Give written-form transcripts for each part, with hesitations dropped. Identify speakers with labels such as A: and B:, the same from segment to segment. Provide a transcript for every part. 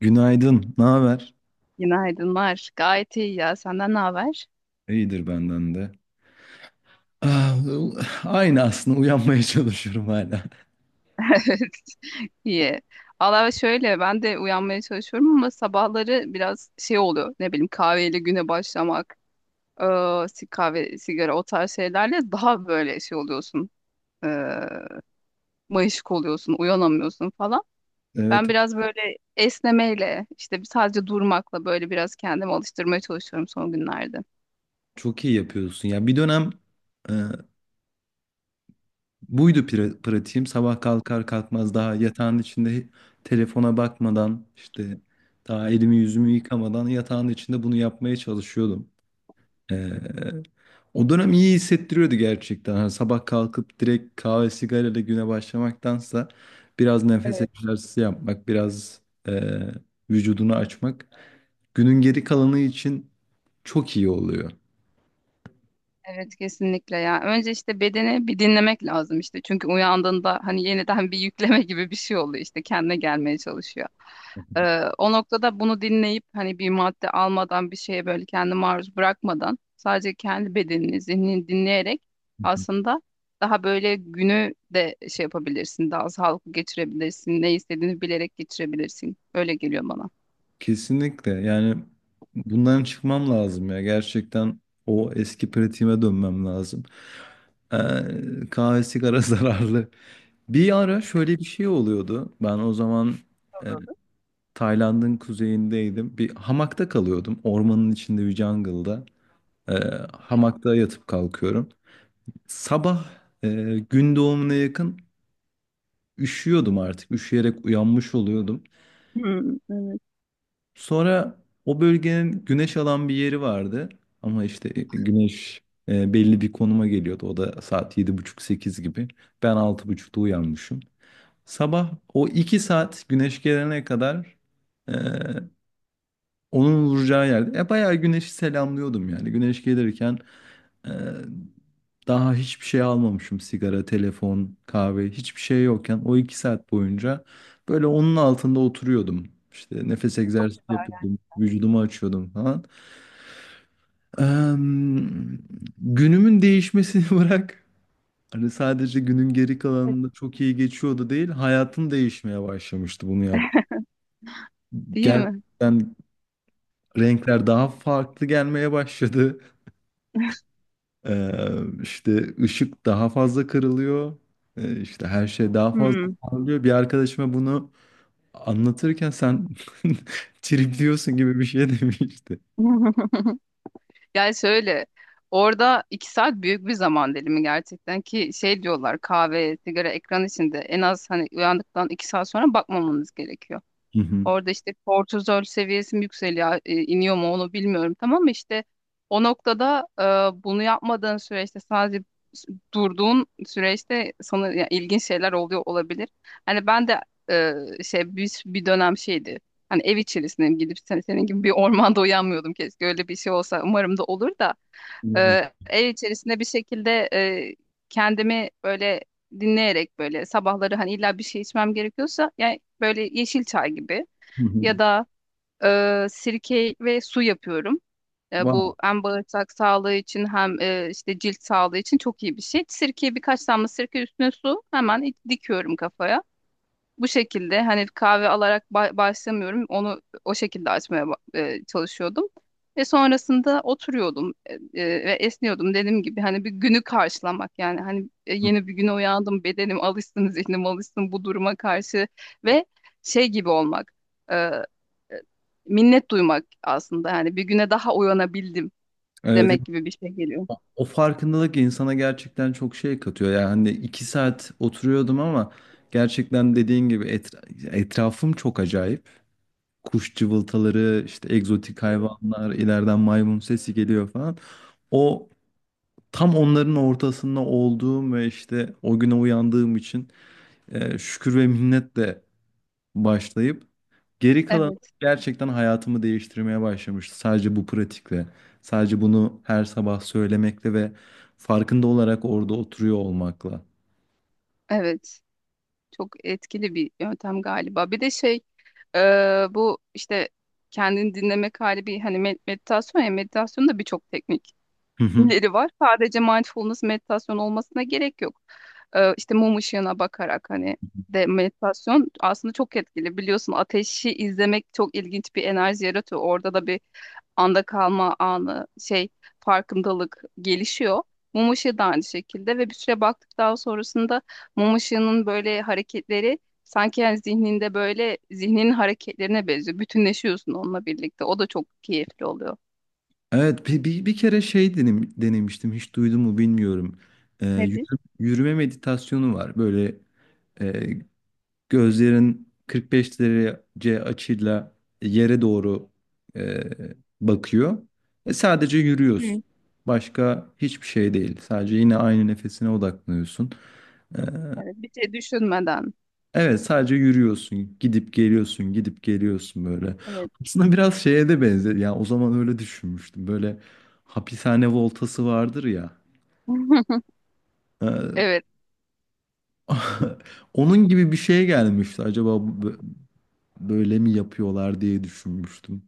A: Günaydın, ne haber?
B: Günaydınlar. Gayet iyi ya. Senden ne haber?
A: İyidir benden de. Ah, aynı aslında uyanmaya çalışıyorum hala.
B: İyi. Valla şöyle ben de uyanmaya çalışıyorum ama sabahları biraz şey oluyor. Ne bileyim kahveyle güne başlamak, kahve, sigara o tarz şeylerle daha böyle şey oluyorsun. eee mayışık oluyorsun, uyanamıyorsun falan. Ben
A: Evet,
B: biraz böyle esnemeyle, işte sadece durmakla böyle biraz kendimi alıştırmaya çalışıyorum son günlerde.
A: çok iyi yapıyorsun. Ya bir dönem e, buydu pratiğim. Sabah kalkar kalkmaz daha yatağın içinde telefona bakmadan işte daha elimi yüzümü yıkamadan yatağın içinde bunu yapmaya çalışıyordum. Ee, O dönem iyi hissettiriyordu gerçekten. Hani sabah kalkıp direkt kahve sigarayla güne başlamaktansa biraz nefes
B: Evet.
A: egzersizi yapmak, biraz e, vücudunu açmak günün geri kalanı için çok iyi oluyor.
B: Evet, kesinlikle ya. Önce işte bedeni bir dinlemek lazım işte. Çünkü uyandığında hani yeniden bir yükleme gibi bir şey oluyor işte kendine gelmeye çalışıyor. O noktada bunu dinleyip hani bir madde almadan bir şeye böyle kendi maruz bırakmadan sadece kendi bedenini, zihnini dinleyerek aslında daha böyle günü de şey yapabilirsin. Daha sağlıklı geçirebilirsin. Ne istediğini bilerek geçirebilirsin. Öyle geliyor bana.
A: Kesinlikle. Yani bundan çıkmam lazım ya. Gerçekten o eski pratiğime dönmem lazım. Ee, kahve sigara zararlı. Bir ara şöyle bir şey oluyordu. Ben o zaman e,
B: Yapıyordu.
A: Tayland'ın kuzeyindeydim. Bir hamakta kalıyordum. Ormanın içinde bir jungle'da. Ee, hamakta yatıp kalkıyorum. Sabah e, gün doğumuna yakın üşüyordum artık. Üşüyerek uyanmış oluyordum.
B: Hmm, evet.
A: Sonra o bölgenin güneş alan bir yeri vardı. Ama işte güneş belli bir konuma geliyordu. O da saat yedi buçuk sekiz gibi. Ben altı buçukta uyanmışım. Sabah o 2 saat güneş gelene kadar e, onun vuracağı yerde. E bayağı güneşi selamlıyordum yani. Güneş gelirken e, daha hiçbir şey almamışım. Sigara, telefon, kahve hiçbir şey yokken o iki saat boyunca böyle onun altında oturuyordum. İşte nefes
B: Çok
A: egzersizi
B: güzel yani.
A: yapıyordum. Vücudumu açıyordum falan. Em, günümün değişmesini bırak. Hani sadece günün geri kalanında çok iyi geçiyordu değil. Hayatım değişmeye başlamıştı bunu yap.
B: Değil mi?
A: Gerçekten renkler daha farklı gelmeye başladı. Ee, işte ışık daha fazla kırılıyor. İşte her şey daha fazla
B: Hmm.
A: parlıyor. Bir arkadaşıma bunu anlatırken sen tripliyorsun gibi bir şey demişti.
B: Yani şöyle orada 2 saat büyük bir zaman dilimi gerçekten ki şey diyorlar kahve, sigara, ekran içinde en az hani uyandıktan 2 saat sonra bakmamanız gerekiyor.
A: Hı hı.
B: Orada işte kortizol seviyesi mi yükseliyor, iniyor mu onu bilmiyorum. Tamam mı? İşte o noktada bunu yapmadığın süreçte sadece durduğun süreçte sana ya, ilginç şeyler oluyor olabilir. Hani ben de şey bir dönem şeydi. Hani ev içerisindeyim gidip senin gibi bir ormanda uyanmıyordum keşke öyle bir şey olsa umarım da olur da ev içerisinde bir şekilde kendimi böyle dinleyerek böyle sabahları hani illa bir şey içmem gerekiyorsa yani böyle yeşil çay gibi
A: Hı hı.
B: ya da sirke ve su yapıyorum. E,
A: Wow.
B: bu hem bağırsak sağlığı için hem işte cilt sağlığı için çok iyi bir şey. Sirkeyi birkaç damla sirke üstüne su hemen dikiyorum kafaya. Bu şekilde hani kahve alarak başlamıyorum. Onu o şekilde açmaya çalışıyordum. Ve sonrasında oturuyordum ve esniyordum. Dediğim gibi hani bir günü karşılamak yani hani yeni bir güne uyandım bedenim alışsın zihnim alışsın bu duruma karşı ve şey gibi olmak e, e, minnet duymak aslında yani bir güne daha uyanabildim
A: Evet, evet.
B: demek gibi bir şey geliyor.
A: O farkındalık insana gerçekten çok şey katıyor. Yani hani iki saat oturuyordum ama gerçekten dediğin gibi etrafım çok acayip. Kuş cıvıltaları, işte egzotik hayvanlar, ileriden maymun sesi geliyor falan. O tam onların ortasında olduğum ve işte o güne uyandığım için şükür ve minnetle başlayıp geri kalan
B: Evet,
A: gerçekten hayatımı değiştirmeye başlamıştı. Sadece bu pratikle, sadece bunu her sabah söylemekle ve farkında olarak orada oturuyor olmakla.
B: evet. Çok etkili bir yöntem galiba. Bir de şey, e, bu işte kendini dinlemek hali bir hani meditasyon ya meditasyonda birçok teknik
A: Hı hı.
B: leri var. Sadece mindfulness meditasyon olmasına gerek yok. İşte mum ışığına bakarak hani de meditasyon aslında çok etkili. Biliyorsun ateşi izlemek çok ilginç bir enerji yaratıyor. Orada da bir anda kalma anı, şey farkındalık gelişiyor. Mum ışığı da aynı şekilde ve bir süre baktıktan sonrasında mum ışığının böyle hareketleri sanki yani zihninde böyle zihninin hareketlerine benziyor. Bütünleşiyorsun onunla birlikte. O da çok keyifli oluyor.
A: Evet bir kere şey denemiştim, hiç duydun mu bilmiyorum. E,
B: Nedir?
A: yürüme meditasyonu var böyle. e, Gözlerin 45 derece açıyla yere doğru e, bakıyor. E, sadece yürüyorsun.
B: Hı.
A: Başka hiçbir şey değil. Sadece yine aynı nefesine odaklanıyorsun. E,
B: Evet, bir şey düşünmeden.
A: evet sadece yürüyorsun. Gidip geliyorsun, gidip geliyorsun böyle.
B: Evet.
A: Aslında biraz şeye de benzer. Ya o zaman öyle düşünmüştüm. Böyle hapishane voltası vardır ya. E,
B: Evet.
A: onun gibi bir şeye gelmişti. Acaba böyle mi yapıyorlar diye düşünmüştüm.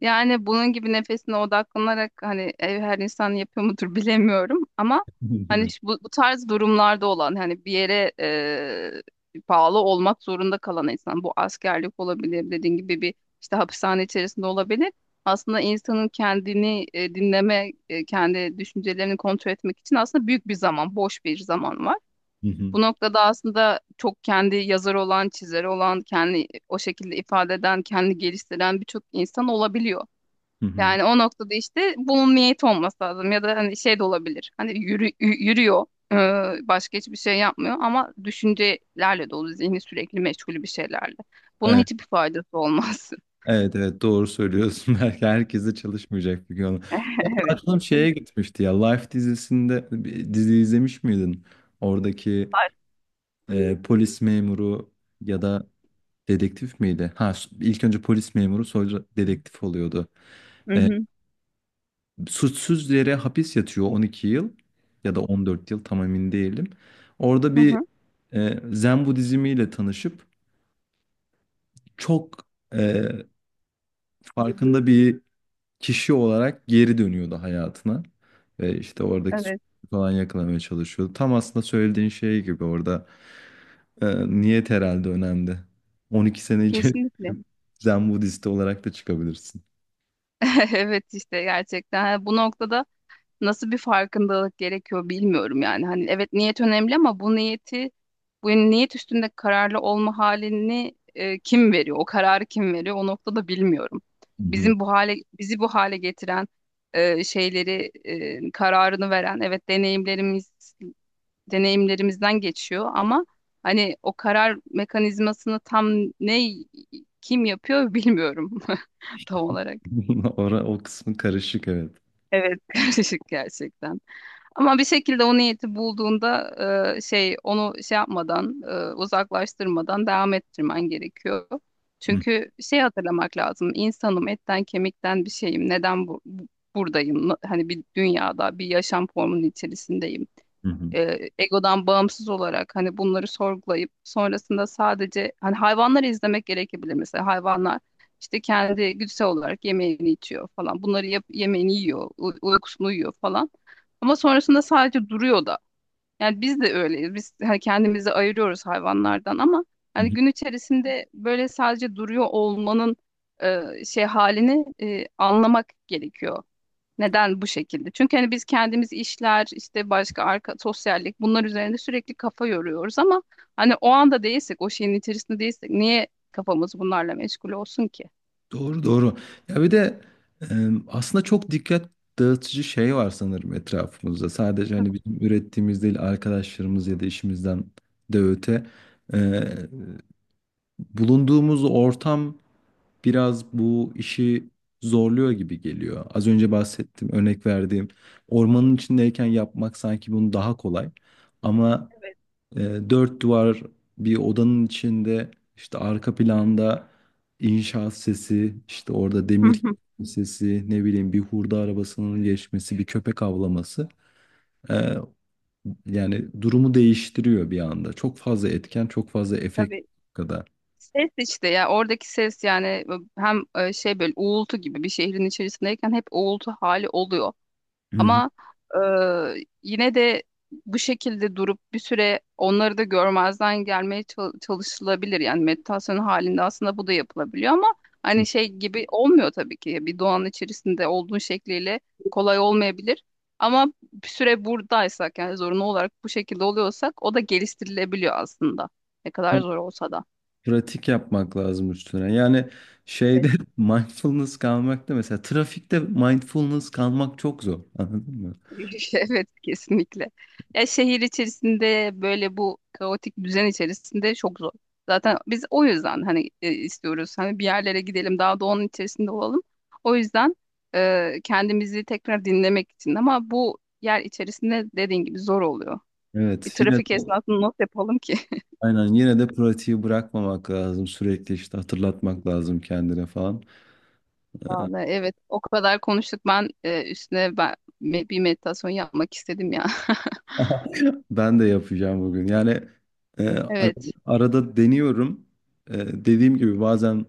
B: Yani bunun gibi nefesine odaklanarak hani ev her insan yapıyor mudur bilemiyorum ama hani bu tarz durumlarda olan hani bir yere bağlı olmak zorunda kalan insan bu askerlik olabilir dediğin gibi bir işte hapishane içerisinde olabilir. Aslında insanın kendini dinleme, kendi düşüncelerini kontrol etmek için aslında büyük bir zaman, boş bir zaman var.
A: Hı hı,
B: Bu noktada aslında çok kendi yazarı olan, çizeri olan, kendi o şekilde ifade eden, kendi geliştiren birçok insan olabiliyor.
A: hı hı.
B: Yani o noktada işte bunun niyeti olması lazım ya da hani şey de olabilir. Hani yürüyor, başka hiçbir şey yapmıyor ama düşüncelerle dolu, zihni sürekli meşgul bir şeylerle. Bunun
A: Evet,
B: hiçbir faydası olmaz.
A: evet, evet doğru söylüyorsun. Belki herkes de çalışmayacak bir gün. Ya da
B: Evet.
A: aklım şeye
B: Kesin.
A: gitmişti ya. Life dizisinde bir dizi izlemiş miydin? Oradaki polis memuru ya da dedektif miydi? Ha, ilk önce polis memuru sonra dedektif oluyordu.
B: Hı
A: E,
B: hı.
A: suçsuz yere hapis yatıyor 12 yıl ya da 14 yıl tam emin değilim. Orada
B: Hı
A: bir
B: hı.
A: Zen Budizmi ile tanışıp çok e, farkında bir kişi olarak geri dönüyordu hayatına. Ve işte oradaki suçu
B: Evet.
A: falan yakalamaya çalışıyordu. Tam aslında söylediğin şey gibi orada e, niyet herhalde önemli. 12 sene içerisinde
B: Kesinlikle.
A: Zen Budist olarak da çıkabilirsin.
B: Evet işte gerçekten. Ha, bu noktada nasıl bir farkındalık gerekiyor bilmiyorum yani. Hani evet niyet önemli ama bu niyet üstünde kararlı olma halini kim veriyor? O kararı kim veriyor? O noktada bilmiyorum.
A: Hı hı.
B: Bizim bu hale bizi bu hale getiren şeyleri kararını veren evet deneyimlerimizden geçiyor ama hani o karar mekanizmasını tam ne kim yapıyor bilmiyorum tam olarak.
A: Ora, o kısmı karışık evet.
B: Evet, karışık gerçekten. Ama bir şekilde o niyeti bulduğunda şey onu şey yapmadan uzaklaştırmadan devam ettirmen gerekiyor.
A: Hı
B: Çünkü şey hatırlamak lazım. İnsanım etten kemikten bir şeyim. Neden buradayım? Hani bir dünyada bir yaşam formunun içerisindeyim
A: hı hı.
B: egodan bağımsız olarak hani bunları sorgulayıp sonrasında sadece hani hayvanları izlemek gerekebilir mesela hayvanlar işte kendi güdüsel olarak yemeğini içiyor falan yemeğini yiyor uykusunu uyuyor falan ama sonrasında sadece duruyor da yani biz de öyleyiz biz hani kendimizi ayırıyoruz hayvanlardan ama
A: Hı
B: hani
A: hı.
B: gün içerisinde böyle sadece duruyor olmanın şey halini anlamak gerekiyor. Neden bu şekilde? Çünkü hani biz kendimiz işler, işte başka arka sosyallik bunlar üzerinde sürekli kafa yoruyoruz ama hani o anda değilsek, o şeyin içerisinde değilsek niye kafamız bunlarla meşgul olsun ki?
A: Doğru doğru. Ya bir de e, aslında çok dikkat dağıtıcı şey var sanırım etrafımızda. Sadece hani bizim ürettiğimiz değil, arkadaşlarımız ya da işimizden de öte bulunduğumuz ortam biraz bu işi zorluyor gibi geliyor. Az önce bahsettim, örnek verdiğim ormanın içindeyken yapmak sanki bunu daha kolay. Ama
B: Evet.
A: e, dört duvar bir odanın içinde işte arka planda inşaat sesi, işte orada
B: Hı
A: demir
B: hı.
A: sesi, ne bileyim bir hurda arabasının geçmesi, bir köpek avlaması. e, yani durumu değiştiriyor bir anda. Çok fazla etken, çok fazla efekt
B: Tabii,
A: kadar.
B: ses işte ya oradaki ses yani hem şey böyle uğultu gibi bir şehrin içerisindeyken hep uğultu hali oluyor.
A: Hı
B: Ama e, yine de bu şekilde durup bir süre onları da görmezden gelmeye çalışılabilir. Yani meditasyon halinde aslında bu da yapılabiliyor ama
A: hı.
B: hani şey gibi olmuyor tabii ki. Bir doğanın içerisinde olduğun şekliyle kolay olmayabilir. Ama bir süre buradaysak yani zorunlu olarak bu şekilde oluyorsak o da geliştirilebiliyor aslında. Ne kadar zor olsa da.
A: Pratik yapmak lazım üstüne. Yani şeyde mindfulness kalmakta, mesela trafikte mindfulness kalmak çok zor. Anladın mı?
B: Evet, kesinlikle. Ya şehir içerisinde böyle bu kaotik düzen içerisinde çok zor. Zaten biz o yüzden hani istiyoruz hani bir yerlere gidelim daha doğanın içerisinde olalım. O yüzden kendimizi tekrar dinlemek için ama bu yer içerisinde dediğin gibi zor oluyor. Bir
A: Evet yine
B: trafik
A: de
B: esnasında not yapalım ki.
A: aynen, yine de pratiği bırakmamak lazım. Sürekli işte hatırlatmak lazım kendine falan. Ee,
B: Vallahi evet o kadar konuştuk ben üstüne bir meditasyon yapmak istedim ya.
A: ben de yapacağım bugün. Yani e, ar-
B: Evet.
A: arada deniyorum. E, dediğim gibi bazen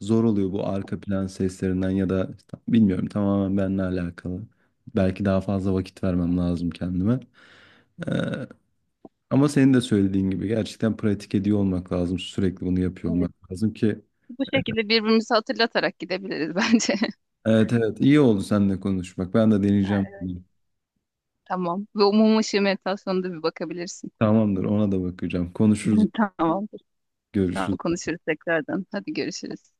A: zor oluyor bu arka plan seslerinden ya da işte bilmiyorum, tamamen benimle alakalı. Belki daha fazla vakit vermem lazım kendime. Ee, ama senin de söylediğin gibi gerçekten pratik ediyor olmak lazım. Sürekli bunu yapıyor
B: Evet.
A: olmak lazım ki.
B: Bu şekilde birbirimizi hatırlatarak gidebiliriz bence.
A: Evet evet, iyi oldu seninle konuşmak. Ben de deneyeceğim bunu.
B: Tamam. Ve umum ışığı meditasyonuna da bir bakabilirsin.
A: Tamamdır, ona da bakacağım. Konuşuruz,
B: Tamamdır. Tamam,
A: görüşürüz.
B: konuşuruz tekrardan. Hadi görüşürüz.